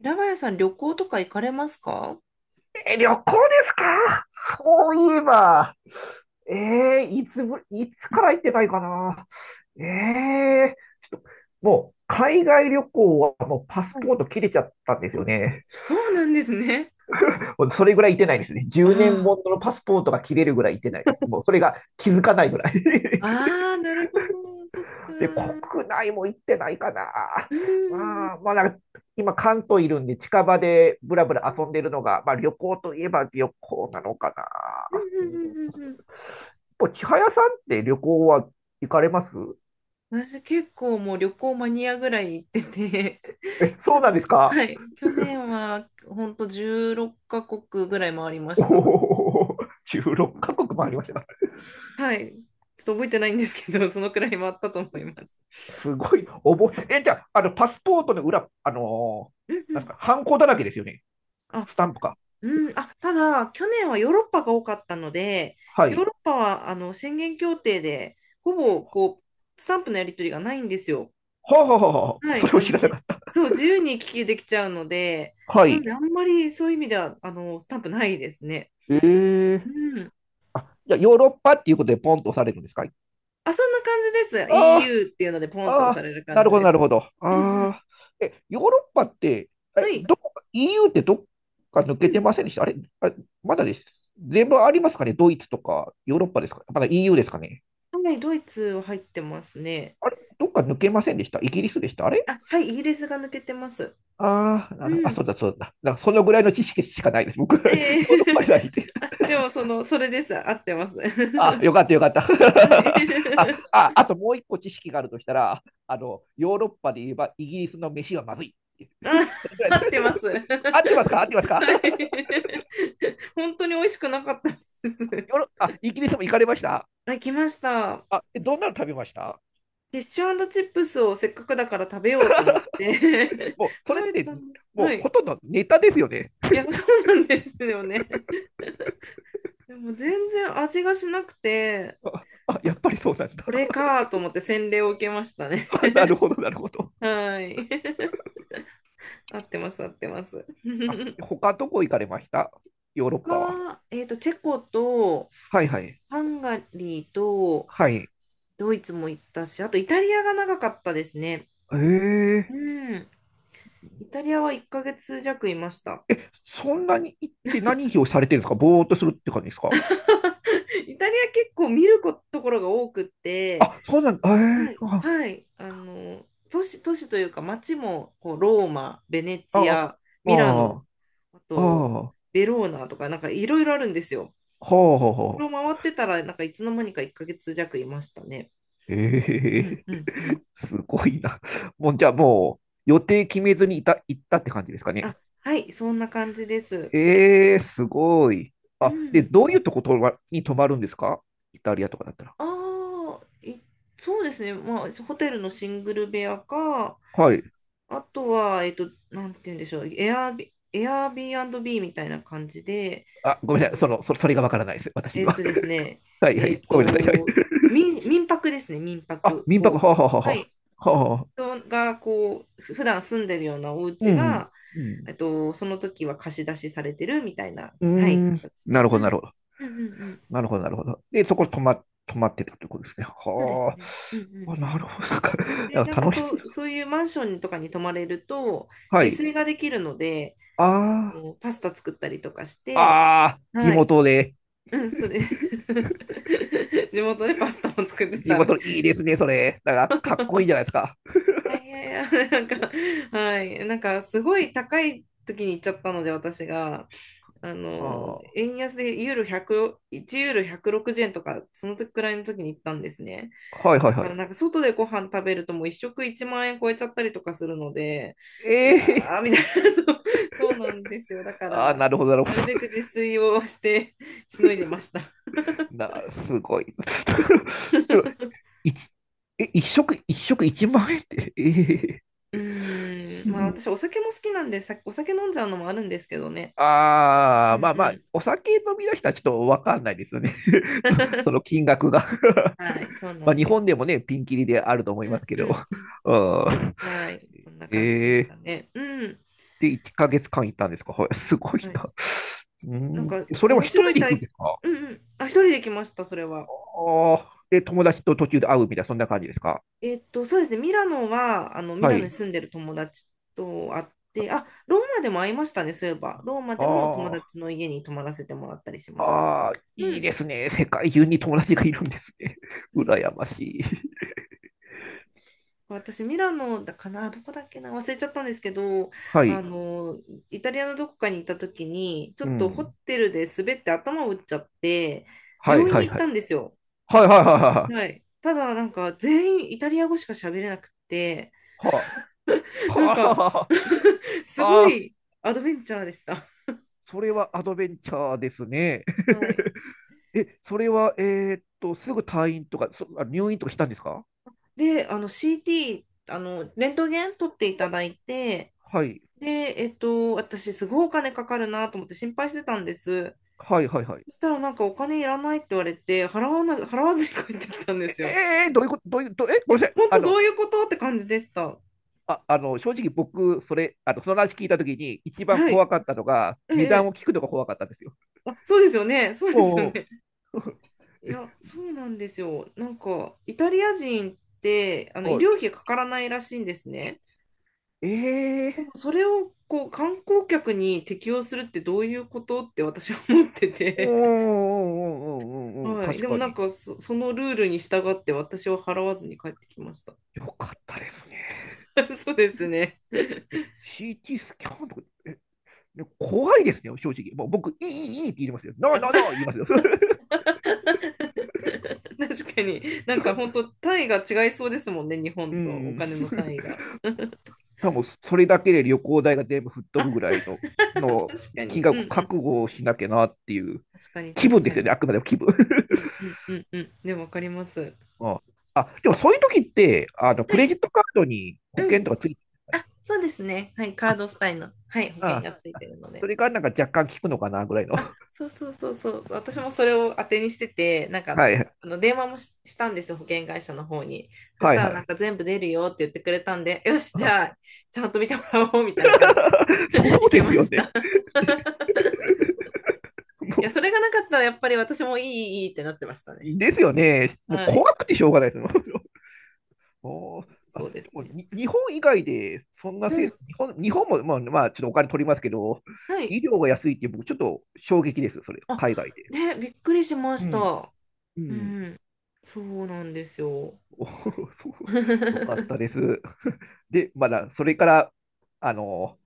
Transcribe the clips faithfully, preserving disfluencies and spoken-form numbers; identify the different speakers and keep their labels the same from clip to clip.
Speaker 1: 平林さん、旅行とか行かれますか？
Speaker 2: え、旅行ですか？そういえば、えー、いつぶ、いつから行ってないかな。えー、ちょっと、もう、海外旅行はもうパスポート切れちゃったんですよね。
Speaker 1: そうなんですね。
Speaker 2: もうそれぐらい行ってないですね。じゅうねん
Speaker 1: あ
Speaker 2: もののパスポートが切れるぐらい行ってないですね。もうそれが気づかないぐらい。
Speaker 1: あ、ああ、なるほど、そっか。
Speaker 2: で、
Speaker 1: うん、
Speaker 2: 国内も行ってないかな。
Speaker 1: うん、
Speaker 2: まあ、まあ、なんか今関東いるんで近場でぶらぶら遊んでるのが、まあ旅行といえば旅行なのか
Speaker 1: う
Speaker 2: な。う
Speaker 1: ん、うん、うん。
Speaker 2: ぱ千早さんって旅行は行かれます？
Speaker 1: 私結構もう旅行マニアぐらい行ってて、
Speaker 2: え、そ
Speaker 1: 去
Speaker 2: うなんですか？
Speaker 1: はい、去年はほんとじゅうろっかこくカ国ぐらい回りま
Speaker 2: お
Speaker 1: した。
Speaker 2: お、じゅうろっかこくカ国もありました。
Speaker 1: はい。ちょっと覚えてないんですけど、そのくらい回ったと思います。
Speaker 2: すごい、覚え、え、じゃあ、あの、パスポートの裏、あのー
Speaker 1: うんう
Speaker 2: なんす
Speaker 1: ん。
Speaker 2: か、ハンコだらけですよね。
Speaker 1: あ。
Speaker 2: スタンプか。
Speaker 1: うん、あ、ただ、去年はヨーロッパが多かったので、
Speaker 2: は
Speaker 1: ヨー
Speaker 2: い。
Speaker 1: ロッパはあの宣言協定で、ほぼこうスタンプのやり取りがないんですよ。
Speaker 2: はあ、はあはあ、
Speaker 1: は
Speaker 2: そ
Speaker 1: い、
Speaker 2: れを
Speaker 1: あ
Speaker 2: 知
Speaker 1: の
Speaker 2: らなか
Speaker 1: じ、
Speaker 2: った。
Speaker 1: そう、自由に行き来できちゃうので、
Speaker 2: は
Speaker 1: なん
Speaker 2: い。
Speaker 1: で、あんまりそういう意味ではあのスタンプないですね。
Speaker 2: ええー。
Speaker 1: うん。
Speaker 2: あ、じゃあ、ヨーロッパっていうことでポンと押されるんですか？
Speaker 1: あ、そんな感じです。
Speaker 2: あ
Speaker 1: イーユー っていうので、ポ
Speaker 2: あー、
Speaker 1: ンって
Speaker 2: あ
Speaker 1: 押
Speaker 2: あ、
Speaker 1: される
Speaker 2: な
Speaker 1: 感
Speaker 2: る
Speaker 1: じ
Speaker 2: ほど、
Speaker 1: で
Speaker 2: なる
Speaker 1: す。
Speaker 2: ほど。あ
Speaker 1: うんうん。
Speaker 2: あ、え、ヨーロッパって、
Speaker 1: は
Speaker 2: え、
Speaker 1: い。
Speaker 2: どこか、イーユー ってどっか抜
Speaker 1: う
Speaker 2: けて
Speaker 1: ん。
Speaker 2: ませんでしたあれ？あれ、まだです。全部ありますかね？ドイツとか、ヨーロッパですか？まだ イーユー ですかね？
Speaker 1: はい、ドイツは入ってますね。
Speaker 2: あれ、どっか抜けませんでしたイギリスでしたあれ？
Speaker 1: あ、はい、イギリスが抜けてます。
Speaker 2: ああー、な
Speaker 1: う
Speaker 2: る、あ、そ
Speaker 1: ん。
Speaker 2: うだ、そうだ。なんかそのぐらいの知識しかないです。僕、ヨー
Speaker 1: ええ。
Speaker 2: ロッパにはいて。
Speaker 1: あ、でもその、それです。合ってます。
Speaker 2: あ、よかった、よかった。
Speaker 1: はい。
Speaker 2: あ、あ、あともういっこ知識があるとしたら、あの、ヨーロッパで言えばイギリスの飯はまずい。
Speaker 1: あ、
Speaker 2: ぐらい
Speaker 1: 合
Speaker 2: で
Speaker 1: っ
Speaker 2: す。
Speaker 1: てます。はい。
Speaker 2: 合ってますか？合ってますか？
Speaker 1: 本当に美味しくなかったです。
Speaker 2: ヨロあ、イギリスも行かれました？
Speaker 1: あ、来ました。フ
Speaker 2: あ、えどんなの食べました？
Speaker 1: ィッシュチップスをせっかくだから食べようと思って
Speaker 2: もう、そ
Speaker 1: 食
Speaker 2: れっ
Speaker 1: べ
Speaker 2: て、
Speaker 1: たんです。
Speaker 2: もう
Speaker 1: はい。
Speaker 2: ほとんどネタですよね。
Speaker 1: いや、そうなんですよね。でも全然味がしなくて、
Speaker 2: あ、あやっぱりそうなんだ。
Speaker 1: これかと思って洗礼を受けましたね。
Speaker 2: なるほど、なるほど。
Speaker 1: はい。合ってます、合ってます。
Speaker 2: あ、他どこ行かれました？ヨーロッ
Speaker 1: 他
Speaker 2: パは。
Speaker 1: は、えっと、チェコと
Speaker 2: はいはい。
Speaker 1: ハンガリーと
Speaker 2: はい。
Speaker 1: ドイツも行ったし、あとイタリアが長かったですね。
Speaker 2: え
Speaker 1: う
Speaker 2: ー、
Speaker 1: ん。イタリアはいっかげつ弱いました。
Speaker 2: え、そんなに行って何をされてるんですか？ぼーっとするって感じですか？
Speaker 1: イタリア結構見ること、ころが多くって、
Speaker 2: あ、そうなんだ。え
Speaker 1: はい、
Speaker 2: ー、あ、
Speaker 1: はい、あの、都市、都市というか街もこうローマ、ベネ
Speaker 2: あ、
Speaker 1: チア、
Speaker 2: あ、あ、
Speaker 1: ミラノ、
Speaker 2: は
Speaker 1: あ
Speaker 2: あ、
Speaker 1: と
Speaker 2: は
Speaker 1: ベローナとかなんかいろいろあるんですよ。
Speaker 2: う
Speaker 1: それを回ってたらなんかいつの間にかいっかげつ弱いましたね。
Speaker 2: え
Speaker 1: うん
Speaker 2: ー、
Speaker 1: うんうん。
Speaker 2: すごいな。もう、じゃあもう、予定決めずにいた、行ったって感じですか
Speaker 1: あ、
Speaker 2: ね。
Speaker 1: はい、そんな感じです。
Speaker 2: ええ、すごい。
Speaker 1: う
Speaker 2: あ、で、
Speaker 1: ん。
Speaker 2: どういうとこ泊まに泊まるんですか？イタリアとかだったら。
Speaker 1: ああ、いそうですね。まあ、ホテルのシングル部屋か、
Speaker 2: はい。
Speaker 1: あとは、えっと、なんて言うんでしょう、エアビ、エアビービーみたいな感じで、
Speaker 2: あ、ごめん
Speaker 1: あ
Speaker 2: なさい。そ
Speaker 1: の、
Speaker 2: の、そ、それがわからないです。私に
Speaker 1: えっ
Speaker 2: は。
Speaker 1: とですね、
Speaker 2: はいは
Speaker 1: え
Speaker 2: い。
Speaker 1: っ
Speaker 2: ごめんなさい。はい。
Speaker 1: と、民、民泊ですね、民
Speaker 2: あ、
Speaker 1: 泊。
Speaker 2: 民泊、
Speaker 1: こ
Speaker 2: はあ、はあ、
Speaker 1: う、は
Speaker 2: は
Speaker 1: い。
Speaker 2: あ、はあ。はあ、
Speaker 1: 人が、こう、ふ普段住んでるようなお
Speaker 2: う
Speaker 1: 家
Speaker 2: ん。
Speaker 1: が、
Speaker 2: うん。
Speaker 1: えっと、その時は貸し出しされてるみたいな、
Speaker 2: うー
Speaker 1: はい、
Speaker 2: ん。
Speaker 1: 形
Speaker 2: な
Speaker 1: で。
Speaker 2: る
Speaker 1: う
Speaker 2: ほど、なる
Speaker 1: ん。
Speaker 2: ほど。
Speaker 1: うんうんうん。
Speaker 2: なるほど、なるほど。で、そ
Speaker 1: は
Speaker 2: こ
Speaker 1: い、
Speaker 2: 泊ま、泊まってたってことですね。
Speaker 1: そうです
Speaker 2: は
Speaker 1: ね。うんう
Speaker 2: あ。
Speaker 1: ん。
Speaker 2: あ、なるほど。なんか
Speaker 1: で、
Speaker 2: なん
Speaker 1: なん
Speaker 2: か
Speaker 1: か
Speaker 2: 楽
Speaker 1: そ
Speaker 2: しそう。
Speaker 1: う、そういうマンションとかに泊まれると、
Speaker 2: は
Speaker 1: 自
Speaker 2: い。
Speaker 1: 炊ができるので、あ
Speaker 2: あ
Speaker 1: の、パスタ作ったりとかし
Speaker 2: あ。
Speaker 1: て、
Speaker 2: ああ。地
Speaker 1: はい。
Speaker 2: 元で。
Speaker 1: うん、そうです。地元でパスタも作って
Speaker 2: 地
Speaker 1: た。い
Speaker 2: 元、いいですね、それ。なんか、かっこいいじゃないですか。
Speaker 1: やいやいや、なんか、はい。なんか、すごい高い時に行っちゃったので、私が、あの、
Speaker 2: は
Speaker 1: 円安でユーロ100、いちユーロひゃくろくじゅうえんとか、その時くらいの時に行ったんですね。
Speaker 2: あ。はいは
Speaker 1: だ
Speaker 2: いは
Speaker 1: から
Speaker 2: い。
Speaker 1: なんか外でご飯食べるともう一食いちまん円超えちゃったりとかするので、
Speaker 2: え
Speaker 1: いや
Speaker 2: えー。
Speaker 1: ー、みたいな、そうそうなんですよ。だか
Speaker 2: ああ、
Speaker 1: ら、
Speaker 2: なるほど、なるほ
Speaker 1: な
Speaker 2: ど。
Speaker 1: るべく自炊をして、しのいでました。
Speaker 2: な、すごい。でも一え、一食、一食いちまんえんって、ええ
Speaker 1: うーん、まあ私
Speaker 2: ー。
Speaker 1: お酒も好きなんで、さ、お酒飲んじゃうのもあるんですけどね。
Speaker 2: あ
Speaker 1: う
Speaker 2: あ、
Speaker 1: ん
Speaker 2: まあま
Speaker 1: う
Speaker 2: あ、
Speaker 1: ん。
Speaker 2: お酒飲みの人はちょっとわかんないですよね。そそ の金額が
Speaker 1: はい、そう な
Speaker 2: まあ、
Speaker 1: ん
Speaker 2: 日
Speaker 1: で
Speaker 2: 本
Speaker 1: す。
Speaker 2: でもね、ピンキリであると思い
Speaker 1: う
Speaker 2: ま
Speaker 1: ん
Speaker 2: すけ
Speaker 1: う
Speaker 2: ど。
Speaker 1: んうん。
Speaker 2: うん。
Speaker 1: はい、そんな感じで
Speaker 2: え
Speaker 1: す
Speaker 2: え、
Speaker 1: かね。うん。
Speaker 2: で、いっかげつかん行ったんですか？はい。すごい
Speaker 1: はい。
Speaker 2: な。う
Speaker 1: なん
Speaker 2: ん、
Speaker 1: か
Speaker 2: それは
Speaker 1: 面
Speaker 2: 一
Speaker 1: 白
Speaker 2: 人
Speaker 1: い
Speaker 2: で行くんで
Speaker 1: 体、
Speaker 2: すか？
Speaker 1: うんうん。あ、一人で来ました、それは。
Speaker 2: ああー、で、友達と途中で会うみたいな、そんな感じですか？
Speaker 1: えっと、そうですね、ミラノは、あの、ミ
Speaker 2: は
Speaker 1: ラノに
Speaker 2: い。
Speaker 1: 住んでる友達と会って、あ、ローマでも会いましたね、そういえば。ローマでも友
Speaker 2: あ
Speaker 1: 達の家に泊まらせてもらったりし
Speaker 2: あ、
Speaker 1: ました。
Speaker 2: ああ、
Speaker 1: う
Speaker 2: いい
Speaker 1: ん、
Speaker 2: ですね。世界中に友達がいるんですね。羨ましい。
Speaker 1: 私、ミラノだかな、どこだっけな、忘れちゃったんですけど、
Speaker 2: は
Speaker 1: あ
Speaker 2: い。
Speaker 1: の、イタリアのどこかに行った時に、ちょ
Speaker 2: う
Speaker 1: っとホ
Speaker 2: ん。
Speaker 1: テルで滑って頭を打っちゃって、
Speaker 2: はい、
Speaker 1: 病院
Speaker 2: はい、
Speaker 1: に行っ
Speaker 2: は
Speaker 1: た
Speaker 2: い。
Speaker 1: んですよ。
Speaker 2: はい、はい、はい、はい。
Speaker 1: はい。ただ、なんか、全員イタリア語しか喋れなくて、
Speaker 2: はい。
Speaker 1: なんか
Speaker 2: は あ、
Speaker 1: すご
Speaker 2: ああ、
Speaker 1: いアドベンチャーでした。
Speaker 2: それはアドベンチャーですね。え、それは、えーっと、すぐ退院とか、そ、あ入院とかしたんですか？
Speaker 1: で、あの シーティー、あの、レントゲン取っていただいて、
Speaker 2: はい。
Speaker 1: で、えっと、私すごいお金かかるなと思って心配してたんです。
Speaker 2: はい、はい、はい。
Speaker 1: そしたらなんかお金いらないって言われて、払わな、払わずに帰ってきたんで
Speaker 2: え、
Speaker 1: すよ。
Speaker 2: えーどういうこと、どういう、ど、え、
Speaker 1: い
Speaker 2: ご
Speaker 1: や、
Speaker 2: めんなさい。
Speaker 1: 本
Speaker 2: あ
Speaker 1: 当ど
Speaker 2: の、
Speaker 1: ういうことって感じでした。
Speaker 2: あ、あの、正直僕、それ、あの、その話聞いたときに、一番
Speaker 1: はい。
Speaker 2: 怖かったのが、
Speaker 1: ええ、
Speaker 2: 値
Speaker 1: え
Speaker 2: 段を
Speaker 1: え。
Speaker 2: 聞くのが怖かったんですよ。
Speaker 1: あ、そうですよね。そうですよ
Speaker 2: おうおう。
Speaker 1: ね。いや、そうなんですよ。なんか、イタリア人って、あの、医
Speaker 2: は
Speaker 1: 療費かからないらしいんですね。
Speaker 2: い。
Speaker 1: でも
Speaker 2: ええ
Speaker 1: それをこう観光客に適用するってどういうことって私は思って
Speaker 2: ー、う
Speaker 1: て、
Speaker 2: んうんうんうんうんうん、
Speaker 1: はい。
Speaker 2: 確
Speaker 1: でも
Speaker 2: か
Speaker 1: なん
Speaker 2: に。
Speaker 1: かそ、そのルールに従って私は払わずに帰ってきました。
Speaker 2: よかったですね。
Speaker 1: そうですね。
Speaker 2: シーティー スキャンとか、え、ね、怖いですね、正直。もう僕、いい、いい、いいって言いますよ。ノー、ノー、ノー 言いますよ。
Speaker 1: 確かに。なんか本 当単位が違いそうですもんね、日
Speaker 2: う
Speaker 1: 本とお
Speaker 2: ん。
Speaker 1: 金の単位が。
Speaker 2: 多分それだけで旅行代が全部吹っ飛
Speaker 1: あ、
Speaker 2: ぶぐらいの、
Speaker 1: 確
Speaker 2: の
Speaker 1: か
Speaker 2: 金
Speaker 1: に。うんう
Speaker 2: 額
Speaker 1: ん。
Speaker 2: 覚悟をしなきゃなっていう
Speaker 1: 確かに、
Speaker 2: 気
Speaker 1: 確
Speaker 2: 分で
Speaker 1: か
Speaker 2: すよね、
Speaker 1: に。
Speaker 2: あくまでも気分。
Speaker 1: うんうんうんうん。でもわかります。
Speaker 2: ああ、でもそういう時って、あの、
Speaker 1: は
Speaker 2: クレ
Speaker 1: い。
Speaker 2: ジットカードに保
Speaker 1: う
Speaker 2: 険
Speaker 1: ん。
Speaker 2: とかついてるんで
Speaker 1: あ、
Speaker 2: す
Speaker 1: そうですね。はい。カ
Speaker 2: か
Speaker 1: ー
Speaker 2: ね。
Speaker 1: ド付帯の、はい、保
Speaker 2: あ
Speaker 1: 険
Speaker 2: あ、
Speaker 1: がついてるので。
Speaker 2: それがなんか若干効くのかなぐらいの。
Speaker 1: そうそうそうそう、
Speaker 2: う
Speaker 1: 私も
Speaker 2: ん、
Speaker 1: それを当てにしてて、なんか、
Speaker 2: はいはい。
Speaker 1: あの電話もし、したんですよ、保険会社の方に。そし
Speaker 2: はい
Speaker 1: たら、
Speaker 2: は
Speaker 1: なん
Speaker 2: い。
Speaker 1: か全部出るよって言ってくれたんで、よし、じ
Speaker 2: あ
Speaker 1: ゃあ、ちゃんと見てもらおうみたいな感じ
Speaker 2: そ
Speaker 1: で い
Speaker 2: うで
Speaker 1: け
Speaker 2: す
Speaker 1: ま
Speaker 2: よ
Speaker 1: し
Speaker 2: ね。
Speaker 1: た。いや、
Speaker 2: も
Speaker 1: それがなかったら、やっぱり私もいい、いいいいってなってましたね。
Speaker 2: う、ですよね。もう
Speaker 1: はい、
Speaker 2: 怖くてしょうがないですよ。おー。あ、で
Speaker 1: そうです
Speaker 2: も
Speaker 1: ね。
Speaker 2: に日本以外で、そんな
Speaker 1: う
Speaker 2: せ、
Speaker 1: ん、
Speaker 2: 日本、日本も、まあ、まあ、ちょっとお金取りますけど、
Speaker 1: はい。
Speaker 2: 医療が安いって、僕、ちょっと衝撃です、それ、
Speaker 1: あ、
Speaker 2: 海外で。
Speaker 1: ね、びっくりしま
Speaker 2: う
Speaker 1: し
Speaker 2: ん。
Speaker 1: た。
Speaker 2: う
Speaker 1: う
Speaker 2: ん。
Speaker 1: ん、そうなんですよ。
Speaker 2: おー、そう、よか ったです。で、まだ、それから、あの、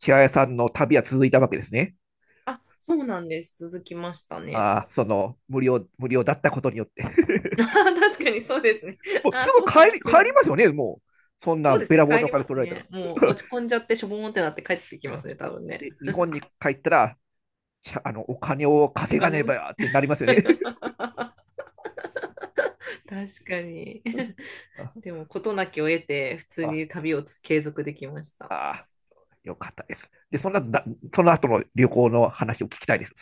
Speaker 2: 千早さんの旅は続いたわけですね。
Speaker 1: あ、そうなんです。続きましたね。
Speaker 2: ああ、その、無料、無料だったことによって。
Speaker 1: あー 確かにそうですね。
Speaker 2: もう
Speaker 1: あ
Speaker 2: す
Speaker 1: あ、
Speaker 2: ぐ
Speaker 1: そうか
Speaker 2: 帰
Speaker 1: も
Speaker 2: り、
Speaker 1: しれ
Speaker 2: 帰
Speaker 1: な
Speaker 2: ります
Speaker 1: い。
Speaker 2: よね、もう。そん
Speaker 1: そ
Speaker 2: な
Speaker 1: うです
Speaker 2: べ
Speaker 1: ね。
Speaker 2: らぼう
Speaker 1: 帰
Speaker 2: のお
Speaker 1: りま
Speaker 2: 金取
Speaker 1: す
Speaker 2: られたら。
Speaker 1: ね。もう落ち込んじゃってしょぼーんってなって帰ってきます ね、多分ね。
Speaker 2: で、日本に帰ったら、ゃあの、お金を
Speaker 1: お
Speaker 2: 稼が
Speaker 1: 金
Speaker 2: ね
Speaker 1: も
Speaker 2: ばってなりますよね。
Speaker 1: 確かに。
Speaker 2: あ
Speaker 1: でも、事なきを得て、普通
Speaker 2: あ、
Speaker 1: に旅をつ継続できました。
Speaker 2: あよかったです。で、そんな、その後の旅行の話を聞きたいです。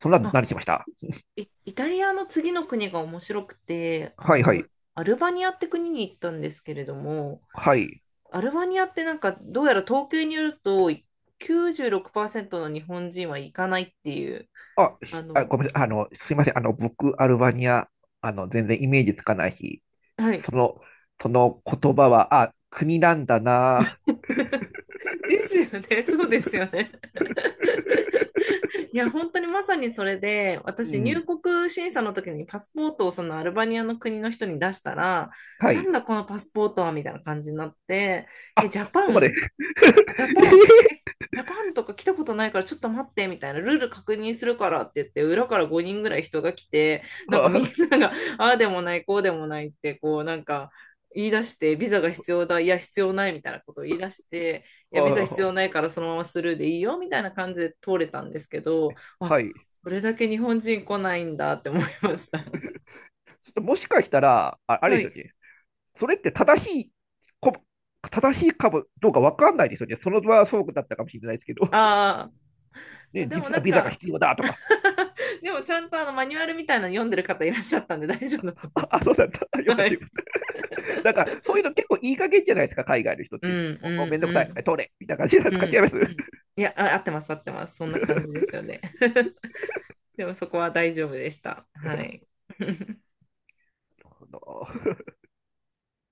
Speaker 2: そんな、
Speaker 1: あ、
Speaker 2: 何しました？
Speaker 1: イ、イタリアの次の国が面白くて、あ
Speaker 2: はいは
Speaker 1: の、
Speaker 2: い。
Speaker 1: アルバニアって国に行ったんですけれども、
Speaker 2: はい。
Speaker 1: アルバニアってなんか、どうやら統計によると、きゅうじゅうろくパーセントの日本人は行かないっていう、
Speaker 2: あ、
Speaker 1: あ
Speaker 2: あ、
Speaker 1: の、
Speaker 2: ごめんなさい。あの、すいません。あの、僕、アルバニア、あの、全然イメージつかないし、
Speaker 1: はい。
Speaker 2: その、その言葉は、あ、国なんだな。
Speaker 1: ですよね。そうですよね。いや、本当にまさにそれで、
Speaker 2: う
Speaker 1: 私、
Speaker 2: ん。
Speaker 1: 入国審査の時にパスポートをそのアルバニアの国の人に出したら、
Speaker 2: は
Speaker 1: なん
Speaker 2: い。
Speaker 1: だこのパスポートはみたいな感じになって、
Speaker 2: あ、
Speaker 1: え、ジャ
Speaker 2: そ
Speaker 1: パ
Speaker 2: こまで。
Speaker 1: ンジャパン、え、ジャパンとか来たことないからちょっと待ってみたいな、ルール確認するからって言って、裏からごにんぐらい人が来て、なんか
Speaker 2: は
Speaker 1: みんなが、ああでもない、こうでもないって、こうなんか言い出して、ビザが必要だ、いや必要ないみたいなことを言い出して、い
Speaker 2: あ
Speaker 1: やビザ必
Speaker 2: は
Speaker 1: 要
Speaker 2: あ
Speaker 1: ないからそのままスルーでいいよみたいな感じで通れたんですけど、あ、
Speaker 2: はい。
Speaker 1: それだけ日本人来ないんだって思いました。
Speaker 2: ちょっともしかしたら、あ、あれ
Speaker 1: は
Speaker 2: ですよ
Speaker 1: い。
Speaker 2: ね。それって正しいこ、正しいかもどうかわかんないですよね。その場はそうだったかもしれないですけど、
Speaker 1: ああ、
Speaker 2: ね、
Speaker 1: でも
Speaker 2: 実
Speaker 1: な
Speaker 2: は
Speaker 1: ん
Speaker 2: ビザが
Speaker 1: か、
Speaker 2: 必要だとか。
Speaker 1: でもちゃんとあのマニュアルみたいなの読んでる方いらっしゃったんで大丈夫だと
Speaker 2: あ、
Speaker 1: 思い
Speaker 2: あ
Speaker 1: ま
Speaker 2: そうだった。あよ
Speaker 1: す。
Speaker 2: か
Speaker 1: は
Speaker 2: ったよ。
Speaker 1: い。
Speaker 2: なんか、そういうの結構いい加減じゃないですか、海外の人っ
Speaker 1: う
Speaker 2: て。
Speaker 1: ん
Speaker 2: もう、もう
Speaker 1: う
Speaker 2: めん
Speaker 1: ん
Speaker 2: どくさ
Speaker 1: う
Speaker 2: い。
Speaker 1: ん
Speaker 2: 通れ。みたいな感じなんで
Speaker 1: う
Speaker 2: すか？違い
Speaker 1: ん
Speaker 2: ます？な
Speaker 1: う
Speaker 2: る
Speaker 1: ん。いや、あ、合ってます、合ってます。そんな感じですよね。でもそこは大丈夫でした。はい。
Speaker 2: ほど